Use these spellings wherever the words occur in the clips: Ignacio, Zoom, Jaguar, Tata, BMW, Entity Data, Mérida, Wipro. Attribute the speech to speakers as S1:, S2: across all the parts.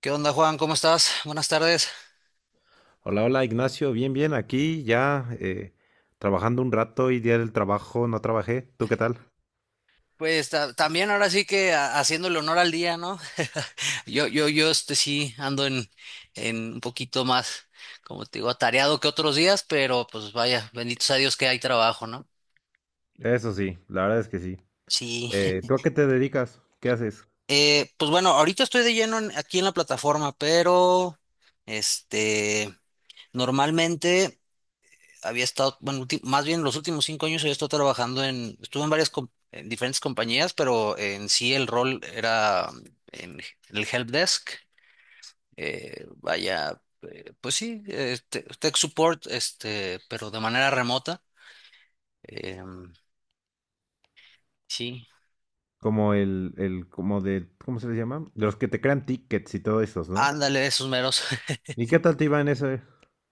S1: ¿Qué onda, Juan? ¿Cómo estás? Buenas tardes.
S2: Hola, hola Ignacio, bien, bien, aquí ya trabajando un rato y día del trabajo no trabajé. ¿Tú qué tal?
S1: Pues también ahora sí que haciéndole honor al día, ¿no? Yo, sí ando en un poquito más, como te digo, atareado que otros días, pero pues vaya, bendito sea Dios que hay trabajo, ¿no?
S2: Eso sí, la verdad es que sí.
S1: Sí.
S2: ¿Tú a qué te dedicas? ¿Qué haces?
S1: Pues bueno, ahorita estoy de lleno aquí en la plataforma, pero este, normalmente. Había estado, bueno, más bien los últimos 5 años había estado trabajando estuve en varias, en diferentes compañías, pero en sí el rol era en el help desk, vaya, pues sí, tech support, pero de manera remota, em, sí,
S2: Como como de, ¿cómo se les llama? De los que te crean tickets y todo esos, ¿no?
S1: ándale, esos meros.
S2: ¿Y qué tal te iba en ese?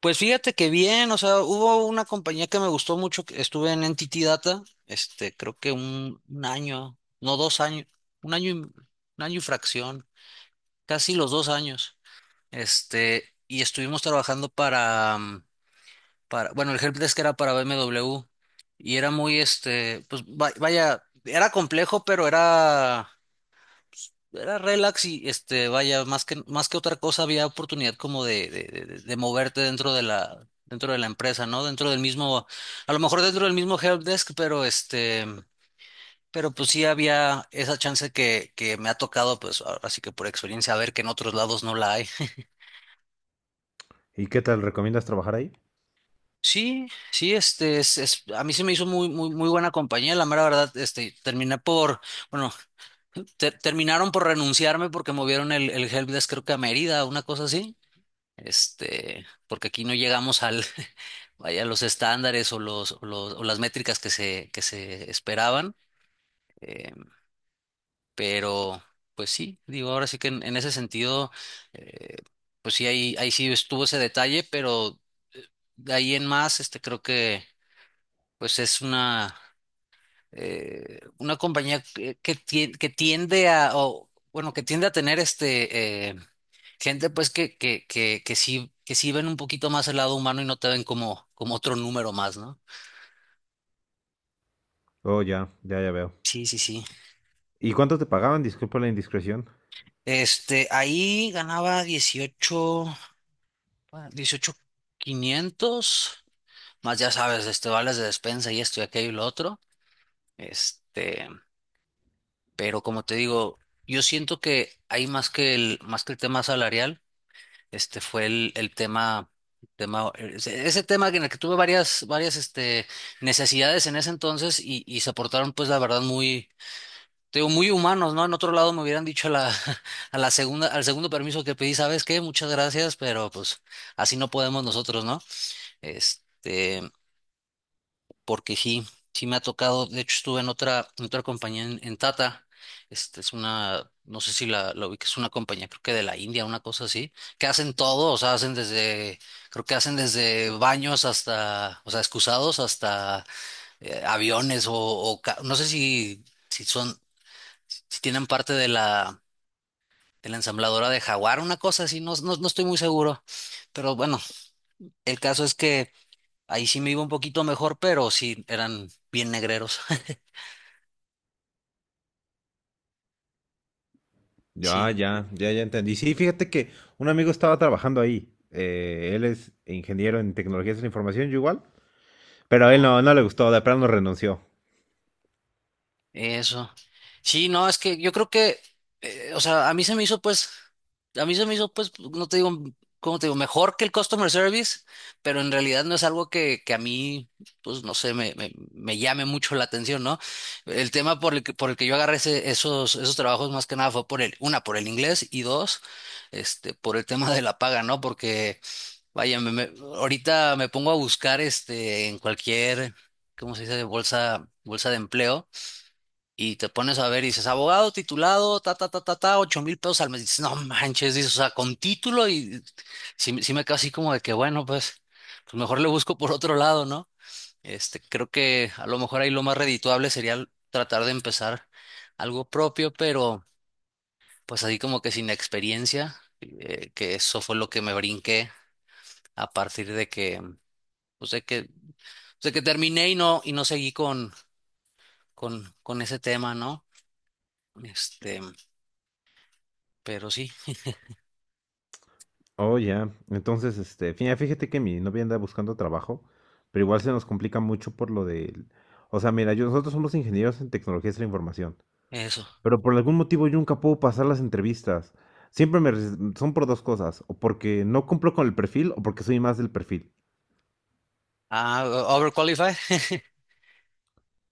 S1: Pues fíjate que bien, o sea, hubo una compañía que me gustó mucho, que estuve en Entity Data. Creo que un año, no 2 años, un año, un año y fracción, casi los 2 años. Y estuvimos trabajando para, bueno, el helpdesk era para BMW y era muy, pues vaya, era complejo, pero era relax y, vaya, más que otra cosa había oportunidad como de moverte dentro de la empresa, ¿no? Dentro del mismo, a lo mejor dentro del mismo helpdesk, pero pero pues sí había esa chance que me ha tocado, pues, así que por experiencia, a ver que en otros lados no la hay.
S2: ¿Y qué tal? ¿Recomiendas trabajar ahí?
S1: Sí, sí, a mí se me hizo muy, muy, muy buena compañía, la mera verdad. Terminé por, bueno, terminaron por renunciarme porque movieron el helpdesk creo que a Mérida, una cosa así. Porque aquí no llegamos al, vaya, los estándares o o las métricas que se esperaban, eh, pero, pues sí, digo, ahora sí que en ese sentido, eh, pues sí, ahí sí estuvo ese detalle, pero eh, de ahí en más, creo que pues es una compañía que tiende a, o, bueno, que tiende a tener gente pues que sí ven un poquito más el lado humano y no te ven como otro número más, ¿no?
S2: Oh, ya, ya, ya veo.
S1: Sí, sí, sí.
S2: ¿Y cuánto te pagaban? Disculpa la indiscreción.
S1: Ahí ganaba 18 bueno, 18,500, más ya sabes, vales de despensa y esto y aquello y lo otro. Este, pero como te digo, yo siento que hay más que el tema salarial. Este fue el tema, tema ese tema en el que tuve varias necesidades en ese entonces y se aportaron pues la verdad muy, te digo, muy humanos, ¿no? En otro lado me hubieran dicho a la segunda, al segundo permiso que pedí, ¿sabes qué? Muchas gracias, pero pues así no podemos nosotros, ¿no? Este, Porque sí, sí me ha tocado. De hecho, estuve en otra compañía en Tata. Este es una, no sé si la ubiques, es una compañía, creo que de la India, una cosa así, que hacen todo, o sea, hacen desde, creo que hacen desde baños hasta, o sea, excusados hasta aviones no sé si son, si tienen parte de la ensambladora de Jaguar, una cosa así. No, no, no estoy muy seguro, pero bueno, el caso es que ahí sí me iba un poquito mejor, pero sí eran bien negreros.
S2: Ya,
S1: Sí,
S2: ya, ya, ya entendí. Sí, fíjate que un amigo estaba trabajando ahí. Él es ingeniero en tecnologías de la información, yo igual. Pero a él no, no le gustó, de plano renunció.
S1: eso. Sí, no, es que yo creo que, o sea, a mí se me hizo pues, a mí se me hizo pues, no te digo, ¿cómo te digo? Mejor que el customer service, pero en realidad no es algo que a mí, pues, no sé, me llame mucho la atención, ¿no? El tema por el que yo agarré esos trabajos más que nada fue por el, una, por el inglés y dos, por el tema de la paga, ¿no? Porque, vaya, ahorita me pongo a buscar, en cualquier, ¿cómo se dice? Bolsa, bolsa de empleo. Y te pones a ver y dices, abogado titulado, ta, ta, ta, ta, ta, 8,000 pesos al mes. Dices, no manches, dices, o sea, con título y sí, sí me quedo así como de que, bueno, pues, pues mejor le busco por otro lado, ¿no? Creo que a lo mejor ahí lo más redituable sería tratar de empezar algo propio, pero pues así como que sin experiencia, que eso fue lo que me brinqué a partir de que, pues de que terminé y no seguí con ese tema, ¿no? Este, pero sí,
S2: Oh, ya. Entonces, este, fíjate que mi novia anda buscando trabajo, pero igual se nos complica mucho por lo del… O sea, mira, nosotros somos ingenieros en tecnologías de la información,
S1: eso.
S2: pero por algún motivo yo nunca puedo pasar las entrevistas. Siempre me… son por dos cosas, o porque no cumplo con el perfil o porque soy más del perfil.
S1: Ah, overqualified.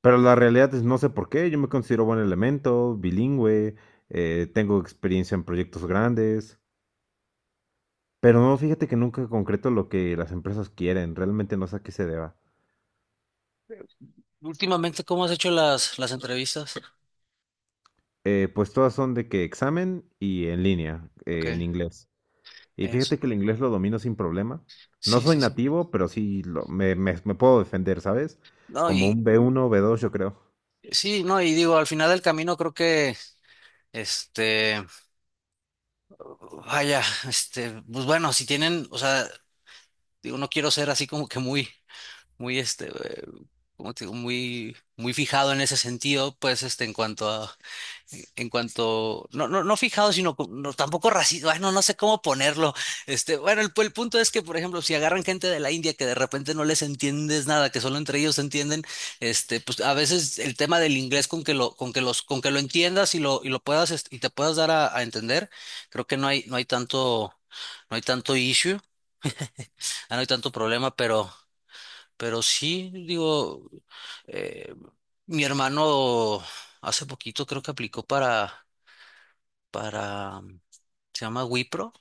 S2: Pero la realidad es no sé por qué, yo me considero buen elemento, bilingüe, tengo experiencia en proyectos grandes, pero no, fíjate que nunca concreto lo que las empresas quieren, realmente no sé a qué se deba.
S1: Últimamente, ¿cómo has hecho las entrevistas?
S2: Pues todas son de que examen y en línea,
S1: Ok,
S2: en inglés. Y fíjate
S1: eso.
S2: que el inglés lo domino sin problema. No
S1: Sí,
S2: soy
S1: sí, sí.
S2: nativo, pero sí me puedo defender, ¿sabes?
S1: No,
S2: Como
S1: y
S2: un B1, B2, yo creo.
S1: sí, no, y digo, al final del camino creo que, este, vaya, pues bueno, si tienen, o sea, digo, no quiero ser así como que muy, muy, como te digo, muy, muy fijado en ese sentido, pues, en cuanto a en cuanto, no, no, no fijado, sino no, tampoco racista, no no sé cómo ponerlo. Bueno, el punto es que, por ejemplo, si agarran gente de la India que de repente no les entiendes nada, que solo entre ellos se entienden, pues a veces el tema del inglés con que lo, con que los, con que lo entiendas y lo puedas, y te puedas dar a entender, creo que no hay, no hay tanto, no hay tanto issue, ah, no hay tanto problema, pero sí, digo, eh, mi hermano hace poquito creo que aplicó para para, se llama Wipro.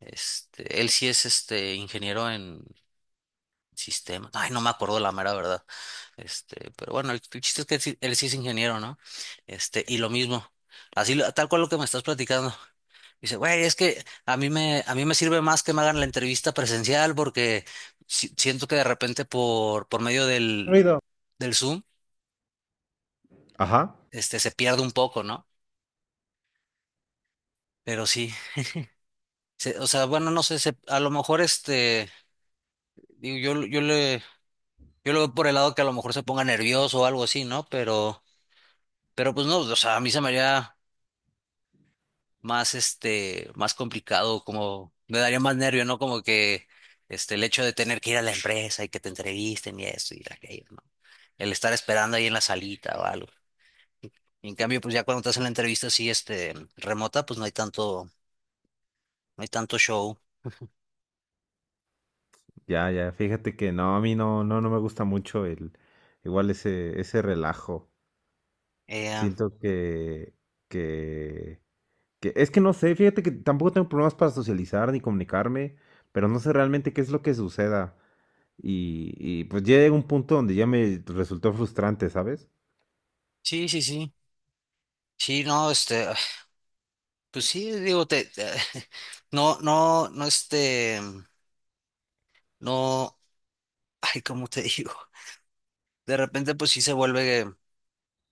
S1: Él sí es ingeniero en sistemas, ay, no me acuerdo la mera verdad. Pero bueno, el chiste es que él sí es ingeniero, ¿no? Y lo mismo, así, tal cual lo que me estás platicando. Dice, güey, es que a mí me sirve más que me hagan la entrevista presencial porque siento que de repente por medio del,
S2: Ruido.
S1: del Zoom,
S2: Ajá.
S1: se pierde un poco, ¿no? Pero sí, o sea, bueno, no sé, a lo mejor digo, yo lo veo por el lado que a lo mejor se ponga nervioso o algo así, ¿no? Pero pues no, o sea, a mí se me haría más, más complicado, como me daría más nervio, ¿no? Como que, el hecho de tener que ir a la empresa y que te entrevisten y esto y aquello, ¿no? El estar esperando ahí en la salita o algo. Y en cambio, pues ya cuando estás en la entrevista así, remota, pues no hay tanto show.
S2: Ya, ya, fíjate que no, a mí no, no, no me gusta mucho igual ese, ese relajo.
S1: Eh,
S2: Siento que Que, es que no sé, fíjate que tampoco tengo problemas para socializar ni comunicarme, pero no sé realmente qué es lo que suceda. Y pues ya llega un punto donde ya me resultó frustrante, ¿sabes?
S1: sí, sí, sí. Sí, no, pues sí, digo, no, no, no, no. Ay, ¿cómo te digo? De repente, pues sí se vuelve,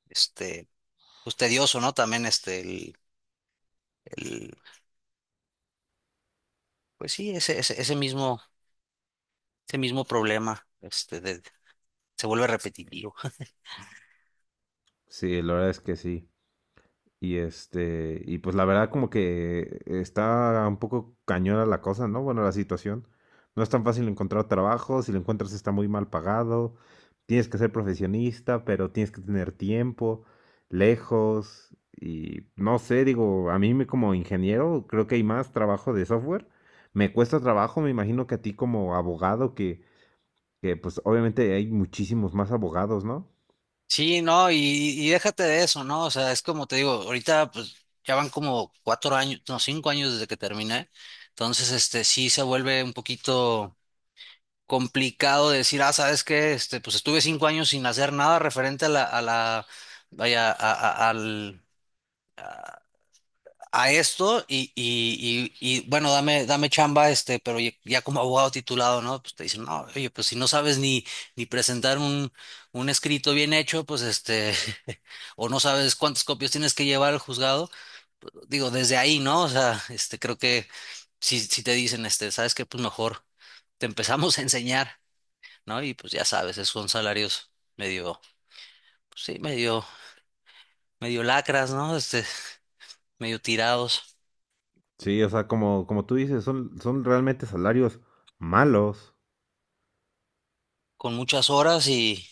S1: este, pues tedioso, ¿no? También, el, pues sí, ese mismo problema, de, se vuelve repetitivo.
S2: Sí, la verdad es que sí. Y este, y pues la verdad como que está un poco cañona la cosa, ¿no? Bueno, la situación. No es tan fácil encontrar trabajo, si lo encuentras está muy mal pagado, tienes que ser profesionista, pero tienes que tener tiempo, lejos, y no sé, digo, como ingeniero creo que hay más trabajo de software. Me cuesta trabajo, me imagino que a ti como abogado, que pues obviamente hay muchísimos más abogados, ¿no?
S1: Sí, no, y déjate de eso, ¿no? O sea, es como te digo, ahorita, pues, ya van como 4 años, no, 5 años desde que terminé. Entonces, sí se vuelve un poquito complicado de decir, ah, ¿sabes qué? Pues estuve 5 años sin hacer nada referente vaya, a- al, a esto y, bueno, dame chamba, pero ya como abogado titulado, ¿no? Pues te dicen, no, oye, pues si no sabes ni presentar un escrito bien hecho, pues o no sabes cuántas copias tienes que llevar al juzgado, pues, digo, desde ahí, ¿no? O sea, creo que si te dicen, ¿sabes qué? Pues mejor te empezamos a enseñar, ¿no? Y pues ya sabes, esos son salarios medio, pues, sí, medio lacras, ¿no? Medio tirados,
S2: Sí, o sea, como, como tú dices, son, son realmente salarios malos,
S1: con muchas horas y...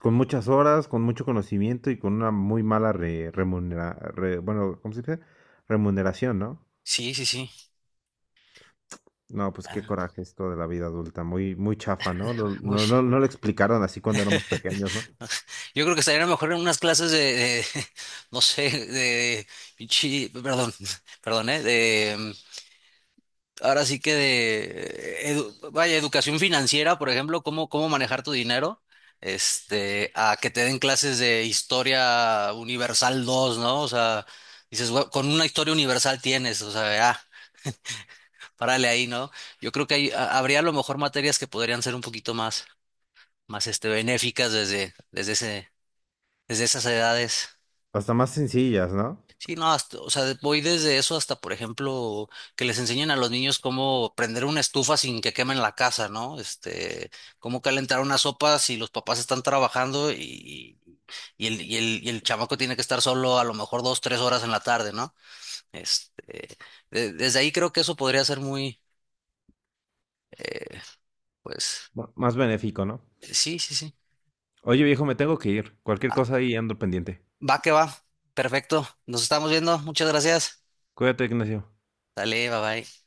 S2: con muchas horas, con mucho conocimiento y con una muy mala remunera, bueno, ¿cómo se dice? Remuneración, ¿no?
S1: Sí, sí, sí.
S2: No, pues qué
S1: Ah,
S2: coraje esto de la vida adulta, muy, muy chafa, ¿no? No,
S1: uy,
S2: no, no, no lo explicaron así cuando éramos pequeños, ¿no?
S1: no sé. Yo creo que estaría mejor en unas clases no sé, de, perdón, perdón, ¿eh? De, ahora sí que de, vaya, educación financiera, por ejemplo, cómo manejar tu dinero, a que te den clases de historia universal dos, ¿no? O sea, dices: "Güey, con una historia universal tienes, o sea, ah, párale ahí", ¿no? Yo creo que habría a lo mejor materias que podrían ser un poquito más, más benéficas desde esas edades.
S2: Hasta más sencillas, ¿no?
S1: Sí, no, o sea, voy desde eso hasta, por ejemplo, que les enseñen a los niños cómo prender una estufa sin que quemen la casa, ¿no? Cómo calentar una sopa si los papás están trabajando y el chamaco tiene que estar solo a lo mejor 2, 3 horas en la tarde, ¿no? Este, Desde ahí creo que eso podría ser muy, eh, pues,
S2: Más benéfico, ¿no?
S1: sí, sí, sí.
S2: Oye, viejo, me tengo que ir. Cualquier cosa ahí ando pendiente.
S1: Va que va. Perfecto. Nos estamos viendo. Muchas gracias.
S2: Cuídate, Ignacio.
S1: Dale, bye bye.